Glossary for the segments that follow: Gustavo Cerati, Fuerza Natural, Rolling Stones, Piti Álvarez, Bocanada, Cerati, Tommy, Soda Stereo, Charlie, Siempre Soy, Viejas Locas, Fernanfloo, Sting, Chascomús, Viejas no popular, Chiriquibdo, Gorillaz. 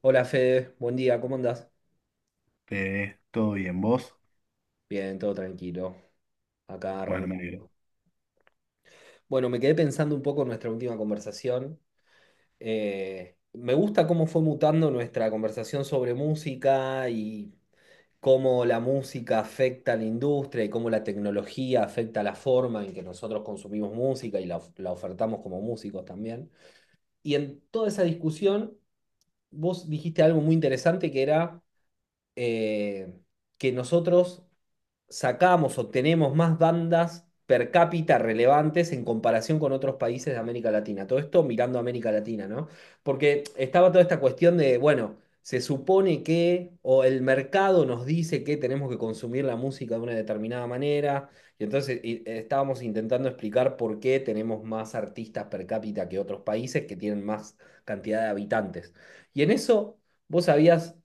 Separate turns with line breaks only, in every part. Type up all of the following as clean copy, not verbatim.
Hola Fede, buen día, ¿cómo andás?
¿Todo bien vos?
Bien, todo tranquilo. Acá
Bueno, me
arranco.
alegro.
Bueno, me quedé pensando un poco en nuestra última conversación. Me gusta cómo fue mutando nuestra conversación sobre música y cómo la música afecta a la industria y cómo la tecnología afecta la forma en que nosotros consumimos música y la, la ofertamos como músicos también. Y en toda esa discusión, vos dijiste algo muy interesante que era eh, que nosotros sacamos o tenemos más bandas per cápita relevantes en comparación con otros países de América Latina. Todo esto mirando a América Latina, ¿no? Porque estaba toda esta cuestión de, bueno, se supone que, o el mercado nos dice que tenemos que consumir la música de una determinada manera, y entonces estábamos intentando explicar por qué tenemos más artistas per cápita que otros países que tienen más cantidad de habitantes. Y en eso, vos habías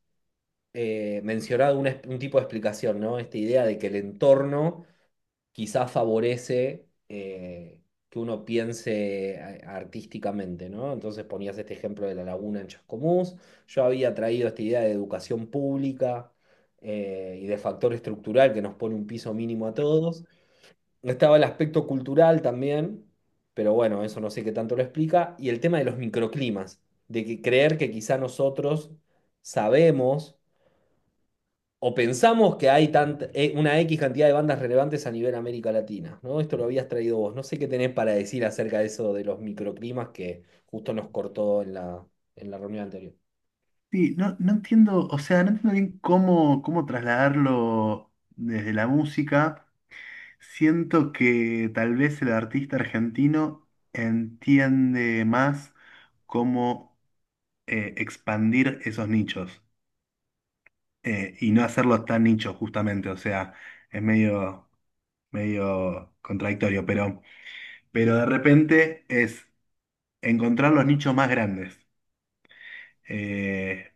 mencionado un tipo de explicación, ¿no? Esta idea de que el entorno quizás favorece que uno piense artísticamente, ¿no? Entonces ponías este ejemplo de la laguna en Chascomús. Yo había traído esta idea de educación pública y de factor estructural que nos pone un piso mínimo a todos. Estaba el aspecto cultural también, pero bueno, eso no sé qué tanto lo explica. Y el tema de los microclimas, de que creer que quizá nosotros sabemos o pensamos que hay una X cantidad de bandas relevantes a nivel América Latina, ¿no? Esto lo habías traído vos. No sé qué tenés para decir acerca de eso de los microclimas que justo nos cortó en la reunión anterior.
Sí, no, no entiendo, o sea, no entiendo bien cómo trasladarlo desde la música. Siento que tal vez el artista argentino entiende más cómo expandir esos nichos y no hacerlos tan nichos justamente, o sea, es medio contradictorio, pero de repente es encontrar los nichos más grandes. Eh,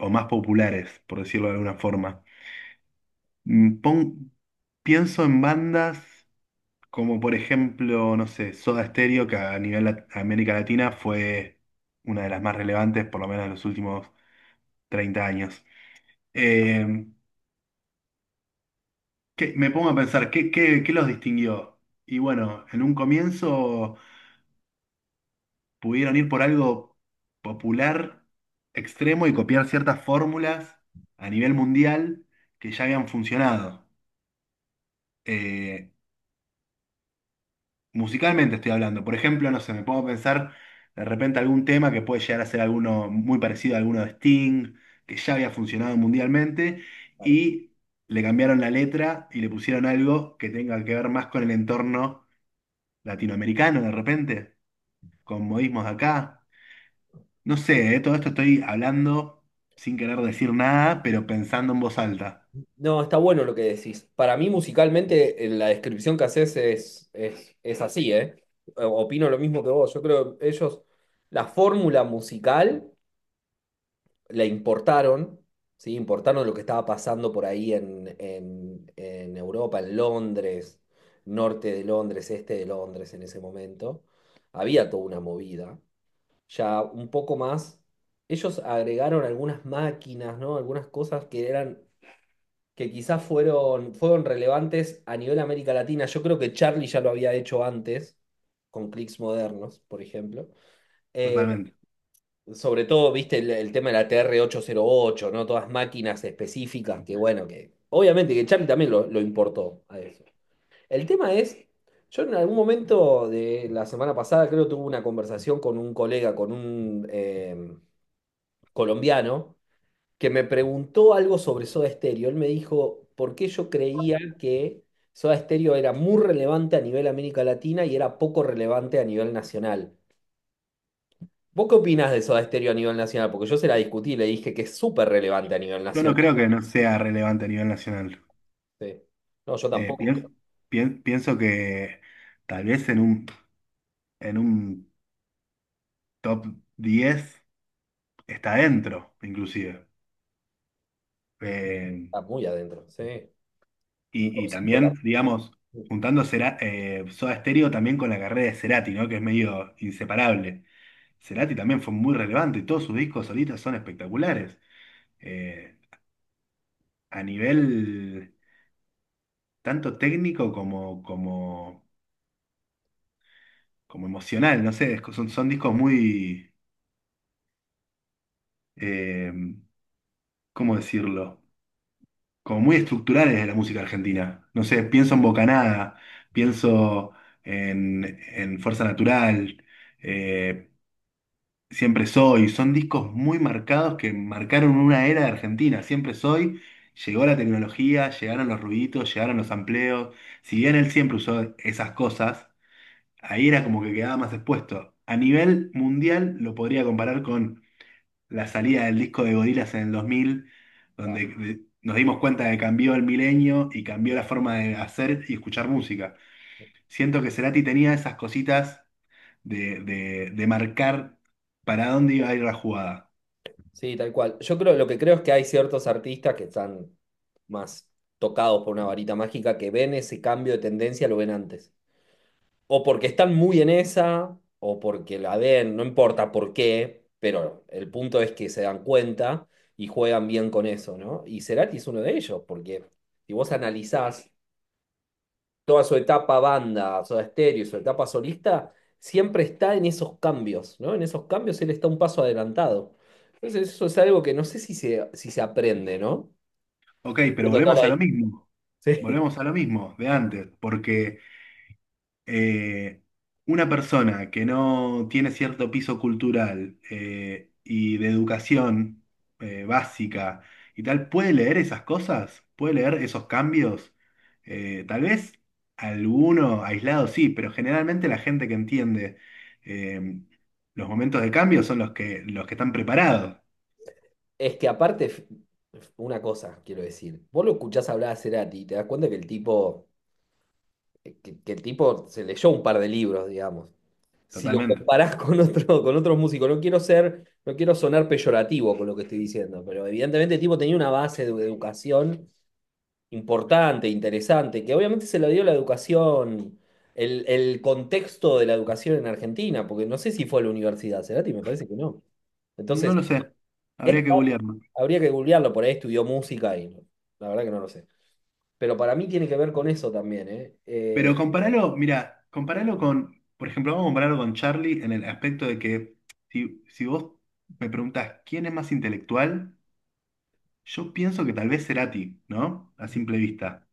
o más populares, por decirlo de alguna forma. Mm, pon- Pienso en bandas como por ejemplo, no sé, Soda Stereo, que a nivel América Latina fue una de las más relevantes, por lo menos en los últimos 30 años. Eh, Me pongo a pensar, ¿qué, qué, qué los distinguió? Y bueno, en un comienzo pudieron ir por algo popular, extremo y copiar ciertas fórmulas a nivel mundial que ya habían funcionado. Eh, Musicalmente estoy hablando. Por ejemplo, no sé, me pongo a pensar de repente algún tema que puede llegar a ser alguno muy parecido a alguno de Sting, que ya había funcionado mundialmente,
Vale.
y le cambiaron la letra y le pusieron algo que tenga que ver más con el entorno latinoamericano de repente, con modismos de acá. No sé, todo esto estoy hablando sin querer decir nada, pero pensando en voz alta,
No, está bueno lo que decís. Para mí, musicalmente, en la descripción que haces es así, ¿eh? Opino lo mismo que vos. Yo creo que ellos, la fórmula musical la importaron, ¿sí? Importaron lo que estaba pasando por ahí en Europa, en Londres, norte de Londres, este de Londres en ese momento. Había toda una movida. Ya un poco más, ellos agregaron algunas máquinas, ¿no? Algunas cosas que eran, que quizás fueron relevantes a nivel América Latina. Yo creo que Charlie ya lo había hecho antes, con clics modernos, por ejemplo. Eh,
totalmente.
Sobre todo, viste, el tema de la tr ocho, ¿no? Todas máquinas específicas que, bueno, que obviamente que Charlie también lo importó a eso. El tema es, yo en algún momento de la semana pasada creo tuve una conversación con un colega, con un colombiano, que me preguntó algo sobre Soda Stereo. Él me dijo por qué yo creía que Soda Stereo era muy relevante a nivel América Latina y era poco relevante a nivel nacional. ¿Vos qué opinás de Soda Stereo a nivel nacional? Porque yo se la discutí y le dije que es súper relevante a nivel
Yo no
nacional.
creo que no sea relevante a nivel nacional.
Sí. No, yo
Eh,
tampoco, creo
pien- Pienso que... Tal vez en un top 10 está dentro, inclusive.
que
Eh,
está muy adentro. Sí. Un top
y, y
cinco
también, digamos,
también
juntando Soda Stereo también con la carrera de Cerati, ¿no? Que es medio inseparable. Cerati también fue muy relevante, todos sus discos solistas son espectaculares. Eh, a nivel tanto técnico como emocional, no sé, son discos muy, eh, ¿cómo decirlo? Como muy estructurales de la música argentina. No sé, pienso en Bocanada, pienso en, en Fuerza Natural, eh, Siempre Soy. Son discos muy marcados que marcaron una era de Argentina. Siempre Soy, llegó la tecnología, llegaron los ruiditos, llegaron los amplios. Si bien él siempre usó esas cosas, ahí era como que quedaba más expuesto. A nivel mundial lo podría comparar con la salida del disco de Gorillaz en el 2000
está.
donde nos dimos cuenta de que cambió el milenio y cambió la forma de hacer y escuchar música. Siento que Cerati tenía esas cositas de marcar para dónde iba a ir la jugada.
Sí, tal cual. Yo creo, lo que creo es que hay ciertos artistas que están más tocados por una varita mágica que ven ese cambio de tendencia, lo ven antes. O porque están muy en esa, o porque la ven, no importa por qué, pero el punto es que se dan cuenta y juegan bien con eso, ¿no? Y Cerati es uno de ellos, porque si vos analizás toda su etapa banda, Soda Stereo, su etapa solista, siempre está en esos cambios, ¿no? En esos cambios él está un paso adelantado. Entonces eso es algo que no sé si se aprende, ¿no?
Ok, pero
Viendo toda
volvemos a lo
la-
mismo.
Sí.
Volvemos a lo mismo de antes, porque eh, una persona que no tiene cierto piso cultural y de educación básica y tal, ¿puede leer esas cosas? ¿Puede leer esos cambios? Tal vez alguno aislado sí, pero generalmente la gente que entiende eh, los momentos de cambio son los que están preparados,
Es que aparte, f- una cosa quiero decir, vos lo escuchás hablar a Cerati y te das cuenta que el tipo, que el tipo se leyó un par de libros, digamos. Si lo
totalmente.
comparás con otro, con otros músicos, no quiero ser, no quiero sonar peyorativo con lo que estoy diciendo, pero evidentemente el tipo tenía una base de educación importante, interesante, que obviamente se la dio la educación, el contexto de la educación en Argentina, porque no sé si fue a la universidad, Cerati, me parece que no. Entonces,
No lo sé,
es
habría que googlear.
habría que googlearlo, por ahí estudió música y no- la verdad que no lo sé. Pero para mí tiene que ver con eso también, ¿eh?
Pero compáralo, mira, compáralo con, por ejemplo, vamos a compararlo con Charlie en el aspecto de que si vos me preguntás quién es más intelectual, yo pienso que tal vez Cerati, ¿no? A simple vista.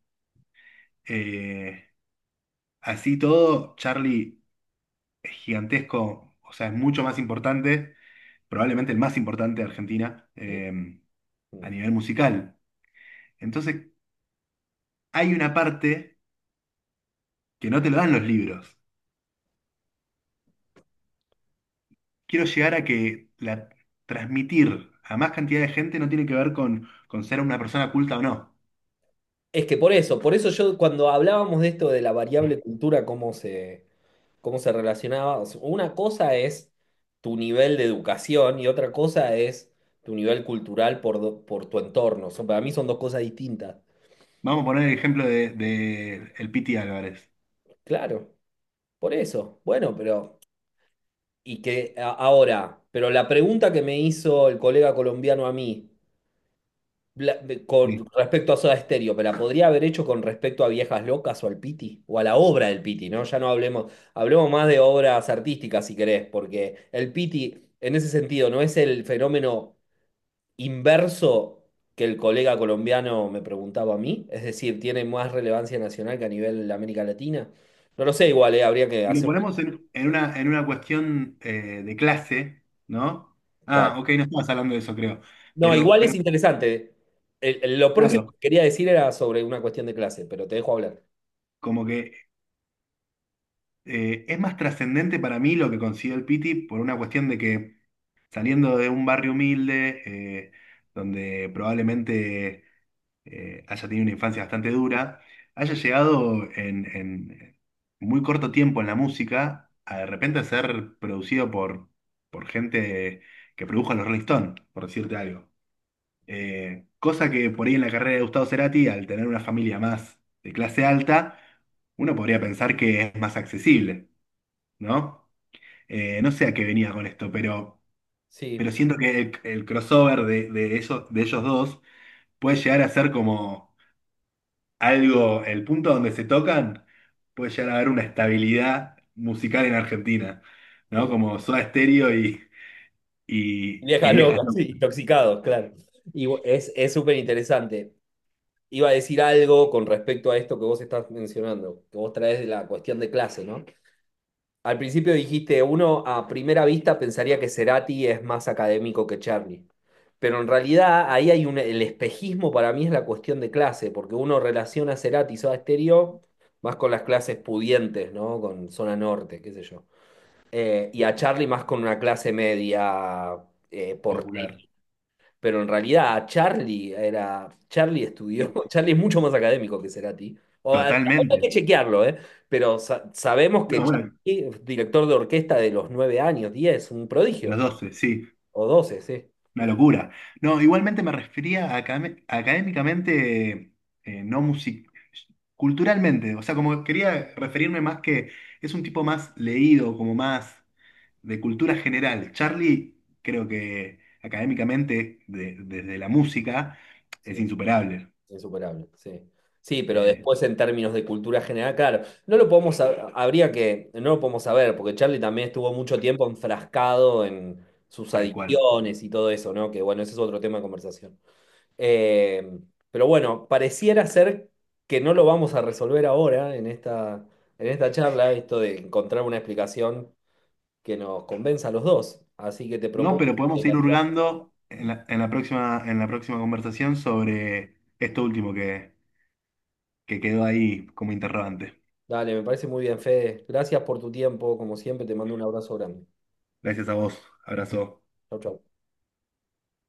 Eh, Así todo, Charlie es gigantesco, o sea, es mucho más importante, probablemente el más importante de Argentina
Sí.
a nivel musical. Entonces, hay una parte que no te lo dan los libros. Quiero llegar a que transmitir a más cantidad de gente no tiene que ver con ser una persona culta o no.
Es que por eso yo cuando hablábamos de esto de la variable cultura, cómo se relacionaba. O sea, una cosa es tu nivel de educación y otra cosa es tu nivel cultural por, por tu entorno. Son- para mí son dos cosas distintas.
Vamos a poner el ejemplo de el Piti Álvarez.
Claro, por eso. Bueno, pero... Y que ahora, pero la pregunta que me hizo el colega colombiano a mí con
Sí.
respecto a Soda Stereo, ¿me la podría haber hecho con respecto a Viejas Locas o al Piti? O a la obra del Piti, ¿no? Ya no hablemos, hablemos más de obras artísticas si querés, porque el Piti en ese sentido no es el fenómeno inverso que el colega colombiano me preguntaba a mí, es decir, tiene más relevancia nacional que a nivel de América Latina. No lo sé, igual, habría que
Y lo
hacer una
ponemos en una cuestión de clase, ¿no?
escala.
Ah, ok, no estabas hablando de eso, creo.
No, igual es
Pero
interesante. Lo próximo
claro,
que quería decir era sobre una cuestión de clase, pero te dejo hablar.
como que es más trascendente para mí lo que consiguió el Piti por una cuestión de que saliendo de un barrio humilde, eh, donde probablemente haya tenido una infancia bastante dura, haya llegado en muy corto tiempo en la música a de repente ser producido por gente que produjo a los Rolling Stones, por decirte algo. Cosa que por ahí en la carrera de Gustavo Cerati, al tener una familia más de clase alta, uno podría pensar que es más accesible, ¿no? No sé a qué venía con esto,
Sí,
pero siento que el crossover de ellos dos puede llegar a ser como algo, el punto donde se tocan puede llegar a haber una estabilidad musical en Argentina, ¿no?
eh,
Como Soda Stereo y
viejas
Viejas
locas,
no
sí, intoxicados, claro. Y es súper interesante. Iba a decir algo con respecto a esto que vos estás mencionando, que vos traes de la cuestión de clase, ¿no? Al principio dijiste, uno a primera vista pensaría que Cerati es más académico que Charlie, pero en realidad ahí hay un, el espejismo para mí es la cuestión de clase, porque uno relaciona a Cerati y Soda Stereo más con las clases pudientes, ¿no? Con zona norte, qué sé yo. Y a Charlie más con una clase media, por
popular.
pero en realidad a Charlie era. Charlie estudió.
Y
Charlie es mucho más académico que Cerati. Hay que
totalmente.
chequearlo, ¿eh? Pero sabemos que
No, bueno,
Charlie, director de orquesta de los nueve años, 10, un
de los
prodigio.
12, sí,
O 12 sí.
una locura. No, igualmente me refería a académicamente, no music culturalmente, o sea, como quería referirme más que es un tipo más leído, como más de cultura general. Charlie, creo que académicamente, desde la música, es
Sí,
insuperable,
insuperable, sí. Sí, pero
eh,
después en términos de cultura general, claro, no lo podemos habría que, no lo podemos saber, porque Charlie también estuvo mucho tiempo enfrascado en sus
tal cual.
adicciones y todo eso, ¿no? Que bueno, ese es otro tema de conversación. Eh, pero bueno, pareciera ser que no lo vamos a resolver ahora en esta charla, esto de encontrar una explicación que nos convenza a los dos. Así que te
No,
propongo
pero
que
podemos ir
la-
hurgando en en la próxima conversación sobre esto último que quedó ahí como interrogante.
Dale, me parece muy bien, Fede. Gracias por tu tiempo, como siempre, te mando un abrazo grande.
Gracias a vos. Abrazo.
Chau, chau.